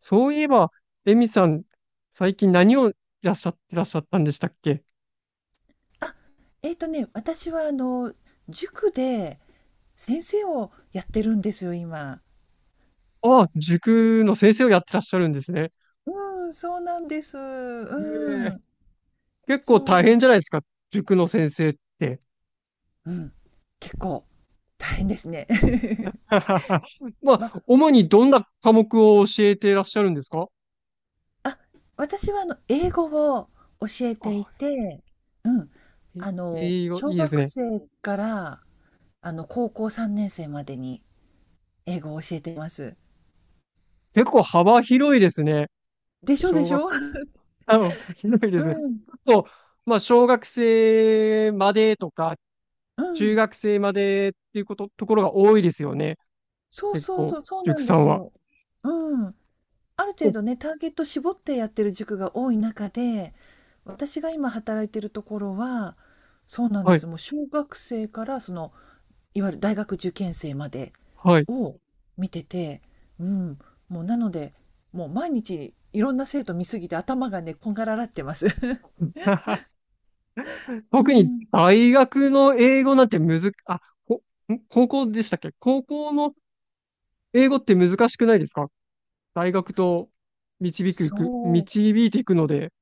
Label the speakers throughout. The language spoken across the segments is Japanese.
Speaker 1: そういえば、エミさん、最近何をいらっしゃってらっしゃったんでしたっけ？
Speaker 2: あ、私は塾で先生をやってるんですよ、今。
Speaker 1: ああ、塾の先生をやってらっしゃるんですね。
Speaker 2: うん、そうなんです。
Speaker 1: え
Speaker 2: う
Speaker 1: え、
Speaker 2: ん、
Speaker 1: 結構
Speaker 2: そ
Speaker 1: 大
Speaker 2: う。
Speaker 1: 変じゃないですか、塾の先生って。
Speaker 2: うん、結構大変ですね。
Speaker 1: ま
Speaker 2: ま、
Speaker 1: あ、主にどんな科目を教えてらっしゃるんですか？
Speaker 2: あ、私は英語を教え
Speaker 1: あ、
Speaker 2: ていて、うん、
Speaker 1: え英語、い
Speaker 2: 小
Speaker 1: いです
Speaker 2: 学
Speaker 1: ね。
Speaker 2: 生から高校3年生までに英語を教えています。
Speaker 1: 結構幅広いですね。
Speaker 2: でしょで
Speaker 1: 小
Speaker 2: し
Speaker 1: 学、
Speaker 2: ょ？
Speaker 1: 広い ですね。
Speaker 2: うん、
Speaker 1: 結構、まあ、小学生までとか、
Speaker 2: う
Speaker 1: 中
Speaker 2: ん。
Speaker 1: 学生までっていうこと、ところが多いですよね。
Speaker 2: そう
Speaker 1: 結
Speaker 2: そう
Speaker 1: 構、
Speaker 2: そう、そうな
Speaker 1: 塾
Speaker 2: ん
Speaker 1: さ
Speaker 2: で
Speaker 1: ん
Speaker 2: す
Speaker 1: は。
Speaker 2: よ。うん。ある程
Speaker 1: お、
Speaker 2: 度ね、ターゲット絞ってやってる塾が多い中で、私が今働いてるところは、そうなんで
Speaker 1: は
Speaker 2: す。
Speaker 1: い、
Speaker 2: もう小学生からいわゆる大学受験生まで
Speaker 1: はい。
Speaker 2: を見てて、うん、もうなので、もう毎日いろんな生徒見すぎて頭がね、こんがらがってます。う
Speaker 1: 特に
Speaker 2: ん、
Speaker 1: 大学の英語なんてむず、あ、こ、高校でしたっけ？高校の英語って難しくないですか？大学と
Speaker 2: そう
Speaker 1: 導いていくので。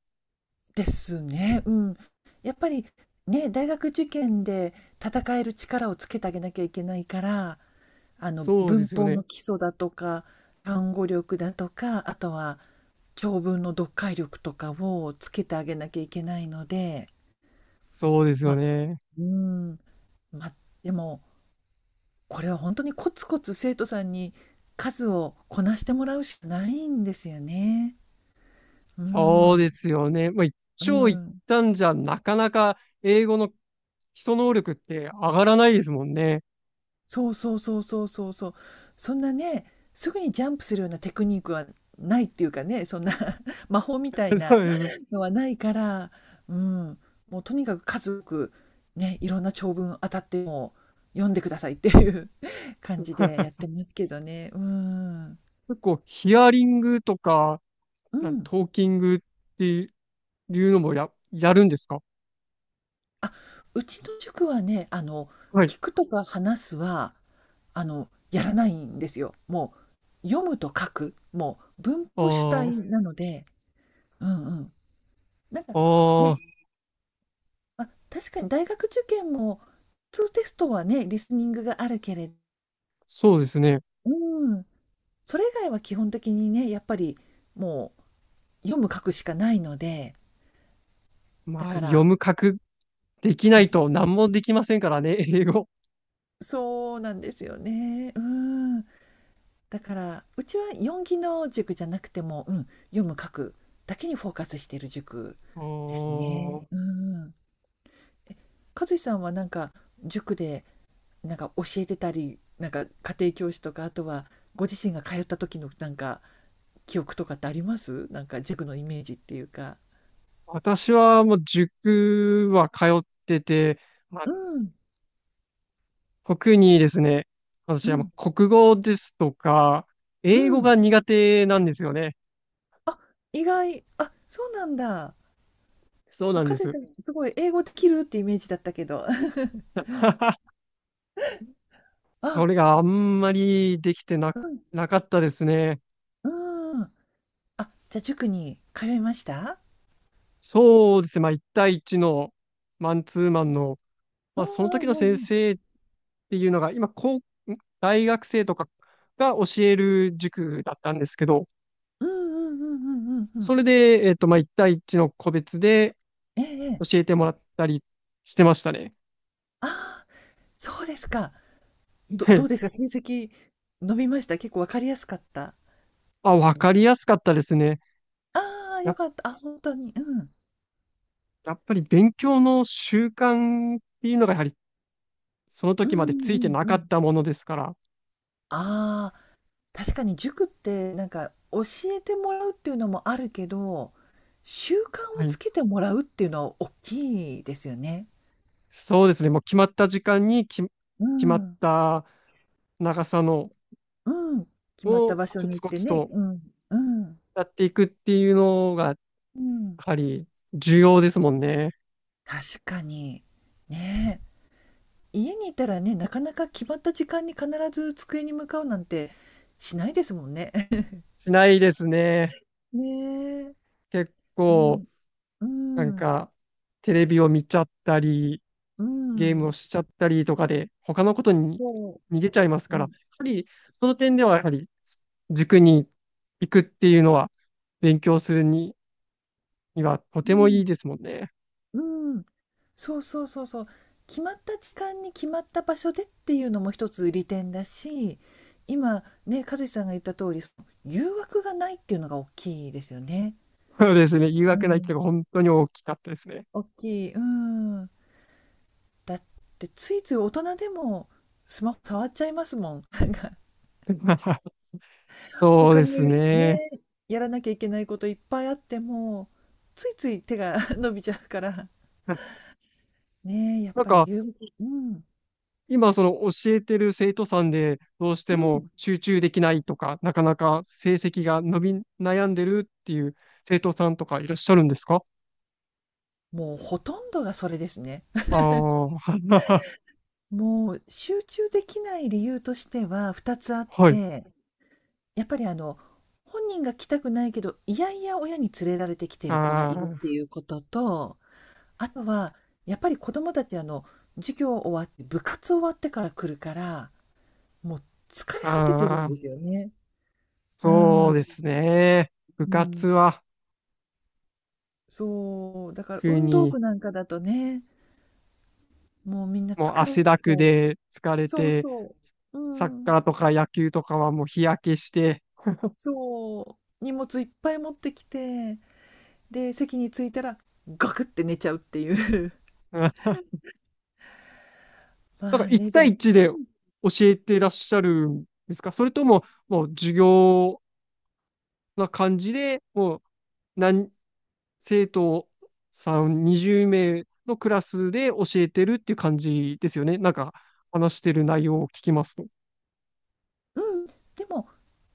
Speaker 2: ですね。うん。やっぱりね、大学受験で戦える力をつけてあげなきゃいけないから、
Speaker 1: そうで
Speaker 2: 文
Speaker 1: すよ
Speaker 2: 法
Speaker 1: ね。
Speaker 2: の基礎だとか単語力だとかあとは長文の読解力とかをつけてあげなきゃいけないので
Speaker 1: そうですよ
Speaker 2: まあ
Speaker 1: ね。
Speaker 2: うーんまあでもこれは本当にコツコツ生徒さんに数をこなしてもらうしかないんですよね。うん、
Speaker 1: そうですよね。まあ、一
Speaker 2: う
Speaker 1: 長一
Speaker 2: ん、
Speaker 1: 短じゃなかなか英語の基礎能力って上がらないですもんね。
Speaker 2: そうそうそうそうそうそう。そんなね、すぐにジャンプするようなテクニックはないっていうかね、そんな 魔法みたい
Speaker 1: そ
Speaker 2: な
Speaker 1: うです。
Speaker 2: のはないから、うん、もうとにかく数多くね、いろんな長文当たっても読んでくださいっていう 感じでやっ てますけどね。うん。
Speaker 1: 結構ヒアリングとか、
Speaker 2: うん。
Speaker 1: トーキングっていうのもやるんですか？
Speaker 2: あ、うちの塾はね、
Speaker 1: はい。
Speaker 2: 聞くとか話すは、やらないんですよ。もう、読むと書く、もう文法主体
Speaker 1: あ
Speaker 2: なので、うんうん。なんか
Speaker 1: あ、
Speaker 2: ね、
Speaker 1: ああ、
Speaker 2: まあ、確かに大学受験も、普通テストはね、リスニングがあるけれど、
Speaker 1: そうですね。
Speaker 2: うん、それ以外は基本的にね、やっぱりもう読む書くしかないので、だ
Speaker 1: まあ、
Speaker 2: か
Speaker 1: 読
Speaker 2: ら
Speaker 1: む書くできないと何もできませんからね、英語。
Speaker 2: そうなんですよね。うん。だから、うちは4技能塾じゃなくても、うん、読む書くだけにフォーカスしている塾
Speaker 1: あ
Speaker 2: ですね。
Speaker 1: ー、
Speaker 2: うーん。和志さんはなんか塾でなんか教えてたりなんか家庭教師とかあとはご自身が通った時のなんか記憶とかってありますなんか塾のイメージっていうか。
Speaker 1: 私はもう塾は通ってて、ま
Speaker 2: う
Speaker 1: あ、
Speaker 2: ん
Speaker 1: 特にですね、
Speaker 2: う
Speaker 1: 私はも
Speaker 2: ん
Speaker 1: う国語ですとか、
Speaker 2: う
Speaker 1: 英語が
Speaker 2: ん。
Speaker 1: 苦手なんですよね。
Speaker 2: あ、意外、あ、そうなんだ。
Speaker 1: そう
Speaker 2: あ、
Speaker 1: なん
Speaker 2: か
Speaker 1: で
Speaker 2: ず
Speaker 1: す。
Speaker 2: さんすごい英語できるってイメージだったけど。
Speaker 1: そ
Speaker 2: あ、
Speaker 1: れがあんまりできてなく、
Speaker 2: うん
Speaker 1: なかったですね。
Speaker 2: うん。あ、じゃあ塾に通いました？
Speaker 1: そうですね。まあ、1対1のマンツーマンの、
Speaker 2: う
Speaker 1: まあ、その時の
Speaker 2: ん
Speaker 1: 先
Speaker 2: うん
Speaker 1: 生っていうのが、今、大学生とかが教える塾だったんですけど、
Speaker 2: うんうんうんうんうんうんう
Speaker 1: そ
Speaker 2: ん。
Speaker 1: れで、まあ、1対一の個別で
Speaker 2: ええええ、
Speaker 1: 教えてもらったりしてましたね。
Speaker 2: ああ、そうですか。
Speaker 1: は
Speaker 2: どうです
Speaker 1: い。
Speaker 2: か？成績伸びました？結構わかりやすかった
Speaker 1: あ、わ
Speaker 2: で
Speaker 1: か
Speaker 2: す
Speaker 1: りやすかったですね。
Speaker 2: ああ、良
Speaker 1: や、
Speaker 2: かった。あ、本当に。うん。
Speaker 1: やっぱり勉強の習慣っていうのが、やはりその
Speaker 2: うん
Speaker 1: 時までつ
Speaker 2: う
Speaker 1: いて
Speaker 2: ん
Speaker 1: な
Speaker 2: う
Speaker 1: かっ
Speaker 2: ん。
Speaker 1: たものですから、
Speaker 2: ああ、確かに塾ってなんか教えてもらうっていうのもあるけど、習慣
Speaker 1: は
Speaker 2: をつ
Speaker 1: い。
Speaker 2: けてもらうっていうのは大きいですよね。
Speaker 1: そうですね。もう決まった時間に
Speaker 2: う
Speaker 1: 決まっ
Speaker 2: ん。
Speaker 1: た長さの
Speaker 2: うん。決まった
Speaker 1: を
Speaker 2: 場所
Speaker 1: コ
Speaker 2: に
Speaker 1: ツ
Speaker 2: 行っ
Speaker 1: コ
Speaker 2: て
Speaker 1: ツ
Speaker 2: ね。
Speaker 1: と
Speaker 2: うん。うん。
Speaker 1: やっていくっていうのが、
Speaker 2: うん。
Speaker 1: ぱり重要ですもんね。
Speaker 2: 確かに。ねえ。家にいたらね、なかなか決まった時間に必ず机に向かうなんてしないですもんね。
Speaker 1: しないですね。
Speaker 2: ねえ。
Speaker 1: 結
Speaker 2: うん。
Speaker 1: 構、
Speaker 2: う
Speaker 1: なん
Speaker 2: ん。
Speaker 1: か、テレビを見ちゃったり、
Speaker 2: う
Speaker 1: ゲームを
Speaker 2: ん。
Speaker 1: しちゃったりとかで、他のことに
Speaker 2: そ
Speaker 1: 逃げちゃいます
Speaker 2: う、
Speaker 1: か
Speaker 2: う
Speaker 1: ら、や
Speaker 2: ん、
Speaker 1: はり、その点では、やはり、塾に行くっていうのは、勉強するにはと
Speaker 2: う
Speaker 1: てもいい
Speaker 2: ん、
Speaker 1: ですもんね。
Speaker 2: うん。そうそうそうそう。決まった時間に決まった場所でっていうのも一つ利点だし、今ね、和志さんが言った通り、その誘惑がないっていうのが大きいですよね。
Speaker 1: そうですね。誘
Speaker 2: う
Speaker 1: 惑ないっていうのが
Speaker 2: ん、
Speaker 1: 本当に大きかったですね。
Speaker 2: 大きい。うん。だってついつい大人でもスマホ触っちゃいますもん。
Speaker 1: そう
Speaker 2: 他
Speaker 1: です
Speaker 2: に
Speaker 1: ね。
Speaker 2: ね、やらなきゃいけないこといっぱいあっても、ついつい手が 伸びちゃうから。
Speaker 1: な
Speaker 2: ねえ、やっ
Speaker 1: ん
Speaker 2: ぱり
Speaker 1: か、
Speaker 2: 誘惑。うん。
Speaker 1: 今、その教えてる生徒さんで、どうして
Speaker 2: う
Speaker 1: も
Speaker 2: ん。
Speaker 1: 集中できないとか、なかなか成績が伸び悩んでるっていう生徒さんとかいらっしゃるんですか？
Speaker 2: もうほとんどがそれですね。
Speaker 1: ああー、
Speaker 2: もう集中できない理由としては2つあっ
Speaker 1: はい。
Speaker 2: て、やっぱり本人が来たくないけど、いやいや親に連れられてきてる子がいるって
Speaker 1: あ
Speaker 2: いうことと、あとはやっぱり子供たち授業終わって、部活終わってから来るから、もう疲れ
Speaker 1: あ、
Speaker 2: 果ててる
Speaker 1: あ
Speaker 2: ん
Speaker 1: あ、
Speaker 2: ですよね。う
Speaker 1: そう
Speaker 2: ん、
Speaker 1: ですね。部
Speaker 2: う
Speaker 1: 活
Speaker 2: ん。
Speaker 1: は、
Speaker 2: そう、だから
Speaker 1: 特
Speaker 2: 運動
Speaker 1: に、
Speaker 2: 部なんかだとね、もうみんな
Speaker 1: もう
Speaker 2: 疲れ
Speaker 1: 汗
Speaker 2: て
Speaker 1: だ
Speaker 2: きちゃ
Speaker 1: く
Speaker 2: う。
Speaker 1: で疲れ
Speaker 2: そう
Speaker 1: て、
Speaker 2: そう。う
Speaker 1: サッ
Speaker 2: ん。
Speaker 1: カーとか野球とかはもう日焼けして、
Speaker 2: そう、荷物いっぱい持ってきて、で、席に着いたら、ガクって寝ちゃうっていう。
Speaker 1: うん、 なん
Speaker 2: ま
Speaker 1: か
Speaker 2: あね、
Speaker 1: 1
Speaker 2: で
Speaker 1: 対
Speaker 2: も、
Speaker 1: 一で教えてらっしゃるんですか？それとも、もう授業な感じで、もう何、生徒さん20名のクラスで教えてるっていう感じですよね。なんか話してる内容を聞きますと。
Speaker 2: うん、うん、でも、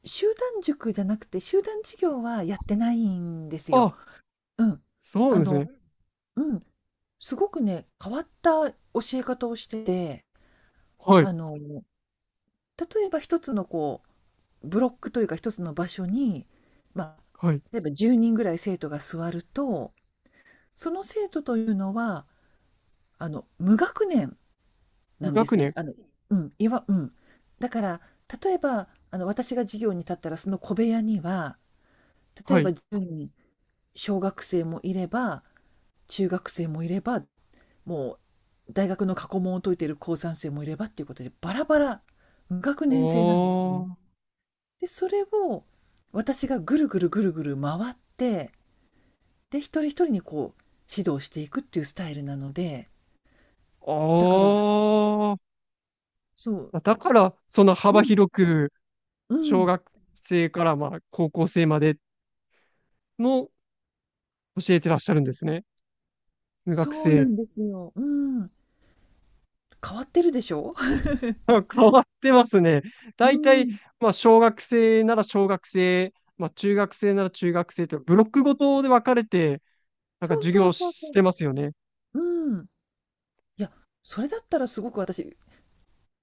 Speaker 2: 集団塾じゃなくて、集団授業はやってないんですよ。
Speaker 1: あ、
Speaker 2: うん。
Speaker 1: そうなん
Speaker 2: あ
Speaker 1: です
Speaker 2: の、
Speaker 1: ね。
Speaker 2: うん、すごくね、変わった教え方をしてて、
Speaker 1: はい。
Speaker 2: あの、例えば一つのこう、ブロックというか一つの場所に、まあ、
Speaker 1: はい。
Speaker 2: 例えば10人ぐらい生徒が座ると、その生徒というのは、無学年な
Speaker 1: 無
Speaker 2: んです
Speaker 1: 学
Speaker 2: ね。
Speaker 1: 年。
Speaker 2: うん、うん。だから、例えば、私が授業に立ったら、その小部屋には、例
Speaker 1: は
Speaker 2: えば
Speaker 1: い。
Speaker 2: 1人、小学生もいれば、中学生もいれば、もう大学の過去問を解いている高3生もいればっていうことで、バラバラ、無学
Speaker 1: あ
Speaker 2: 年制なんですね。
Speaker 1: ー。
Speaker 2: で、それを私がぐるぐるぐるぐる回って、で、一人一人にこう、指導していくっていうスタイルなので、だから、
Speaker 1: あー。
Speaker 2: そう、
Speaker 1: あ、だから、その
Speaker 2: う
Speaker 1: 幅
Speaker 2: ん、
Speaker 1: 広く、
Speaker 2: う
Speaker 1: 小
Speaker 2: ん、
Speaker 1: 学生からまあ高校生までの教えてらっしゃるんですね。無学
Speaker 2: そうな
Speaker 1: 生。
Speaker 2: んですよ。うん。変わってるでしょ？
Speaker 1: 変わってますね。
Speaker 2: う
Speaker 1: 大
Speaker 2: ー
Speaker 1: 体、
Speaker 2: ん。
Speaker 1: まあ、小学生なら小学生、まあ、中学生なら中学生と、ブロックごとで分かれて、なん
Speaker 2: そ
Speaker 1: か
Speaker 2: う
Speaker 1: 授
Speaker 2: そう
Speaker 1: 業
Speaker 2: そうそ
Speaker 1: してますよね。
Speaker 2: う。うーん。いや、それだったらすごく私、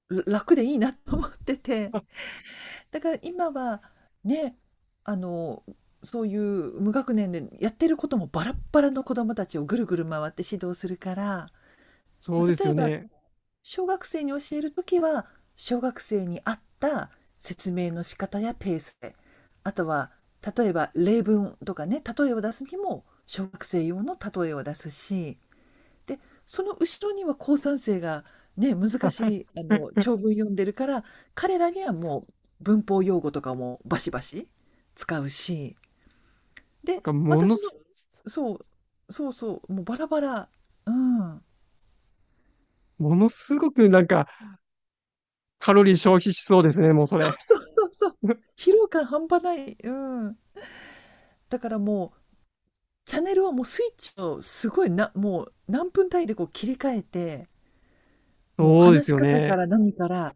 Speaker 2: 楽でいいなと思ってて。
Speaker 1: あ、
Speaker 2: だから今は、ね、あの、そういう無学年でやってることもバラッバラの子供たちをぐるぐる回って指導するから、
Speaker 1: そ
Speaker 2: ま
Speaker 1: う
Speaker 2: あ、
Speaker 1: です
Speaker 2: 例え
Speaker 1: よ
Speaker 2: ば、
Speaker 1: ね。
Speaker 2: 小学生に教えるときは、小学生に合った説明の仕方やペースで、あとは例えば例文とかね、例えを出すにも小学生用の例えを出すし、で、その後ろには高三生がね、難しい、長文読んでるから、彼らにはもう文法用語とかもバシバシ使うし、
Speaker 1: なん
Speaker 2: で、
Speaker 1: か、
Speaker 2: またその、そう、そうそう、もうバラバラ。うん。
Speaker 1: ものすごくなんか、カロリー消費しそうですね、もうそ
Speaker 2: そ
Speaker 1: れ。
Speaker 2: うそうそうそう。疲労感半端ない。うん。だからもう、チャンネルをもうスイッチをすごいな、もう何分単位でこう切り替えて、もう
Speaker 1: そうで
Speaker 2: 話
Speaker 1: す
Speaker 2: し
Speaker 1: よ
Speaker 2: 方か
Speaker 1: ね。
Speaker 2: ら何から、うん、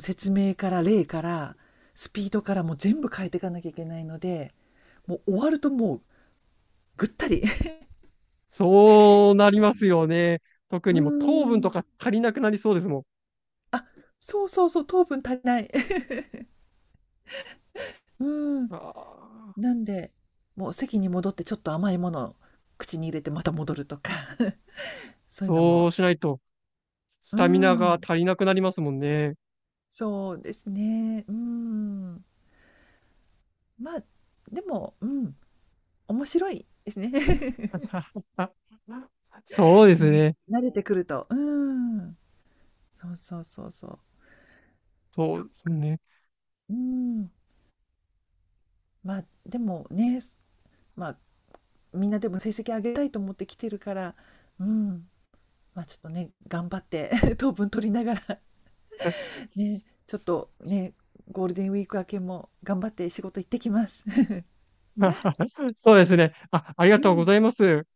Speaker 2: 説明から例から、スピードからもう全部変えていかなきゃいけないので、もう終わるともうぐったり。
Speaker 1: そうなりますよね。特
Speaker 2: うー
Speaker 1: にもう糖分と
Speaker 2: ん。
Speaker 1: か足りなくなりそうですも
Speaker 2: あ、そうそうそう、糖分足りない。うーん。
Speaker 1: ん。あ
Speaker 2: なんで、もう席に戻ってちょっと甘いものを口に入れてまた戻るとか、そ
Speaker 1: ー、
Speaker 2: ういうの
Speaker 1: そ
Speaker 2: も、
Speaker 1: うしないと、ス
Speaker 2: うー
Speaker 1: タミナが
Speaker 2: ん、
Speaker 1: 足りなくなりますもんね。
Speaker 2: そうですね。うーん。まあ、でも、うん、面白いですね。
Speaker 1: そうです
Speaker 2: ね。
Speaker 1: ね。
Speaker 2: 慣れてくると。うーん。そうそうそうそう。
Speaker 1: そ
Speaker 2: そ
Speaker 1: う
Speaker 2: っ
Speaker 1: です
Speaker 2: か。
Speaker 1: ね。
Speaker 2: うん。まあ、でもね、まあ、みんなでも成績上げたいと思って来てるから、うん、まあ、ちょっとね、頑張って 糖分取りながら、ね、ちょっとね、ゴールデンウィーク明けも頑張って仕事行ってきます。
Speaker 1: そうですね。あ、ありが
Speaker 2: う
Speaker 1: とうご
Speaker 2: ん。
Speaker 1: ざいます。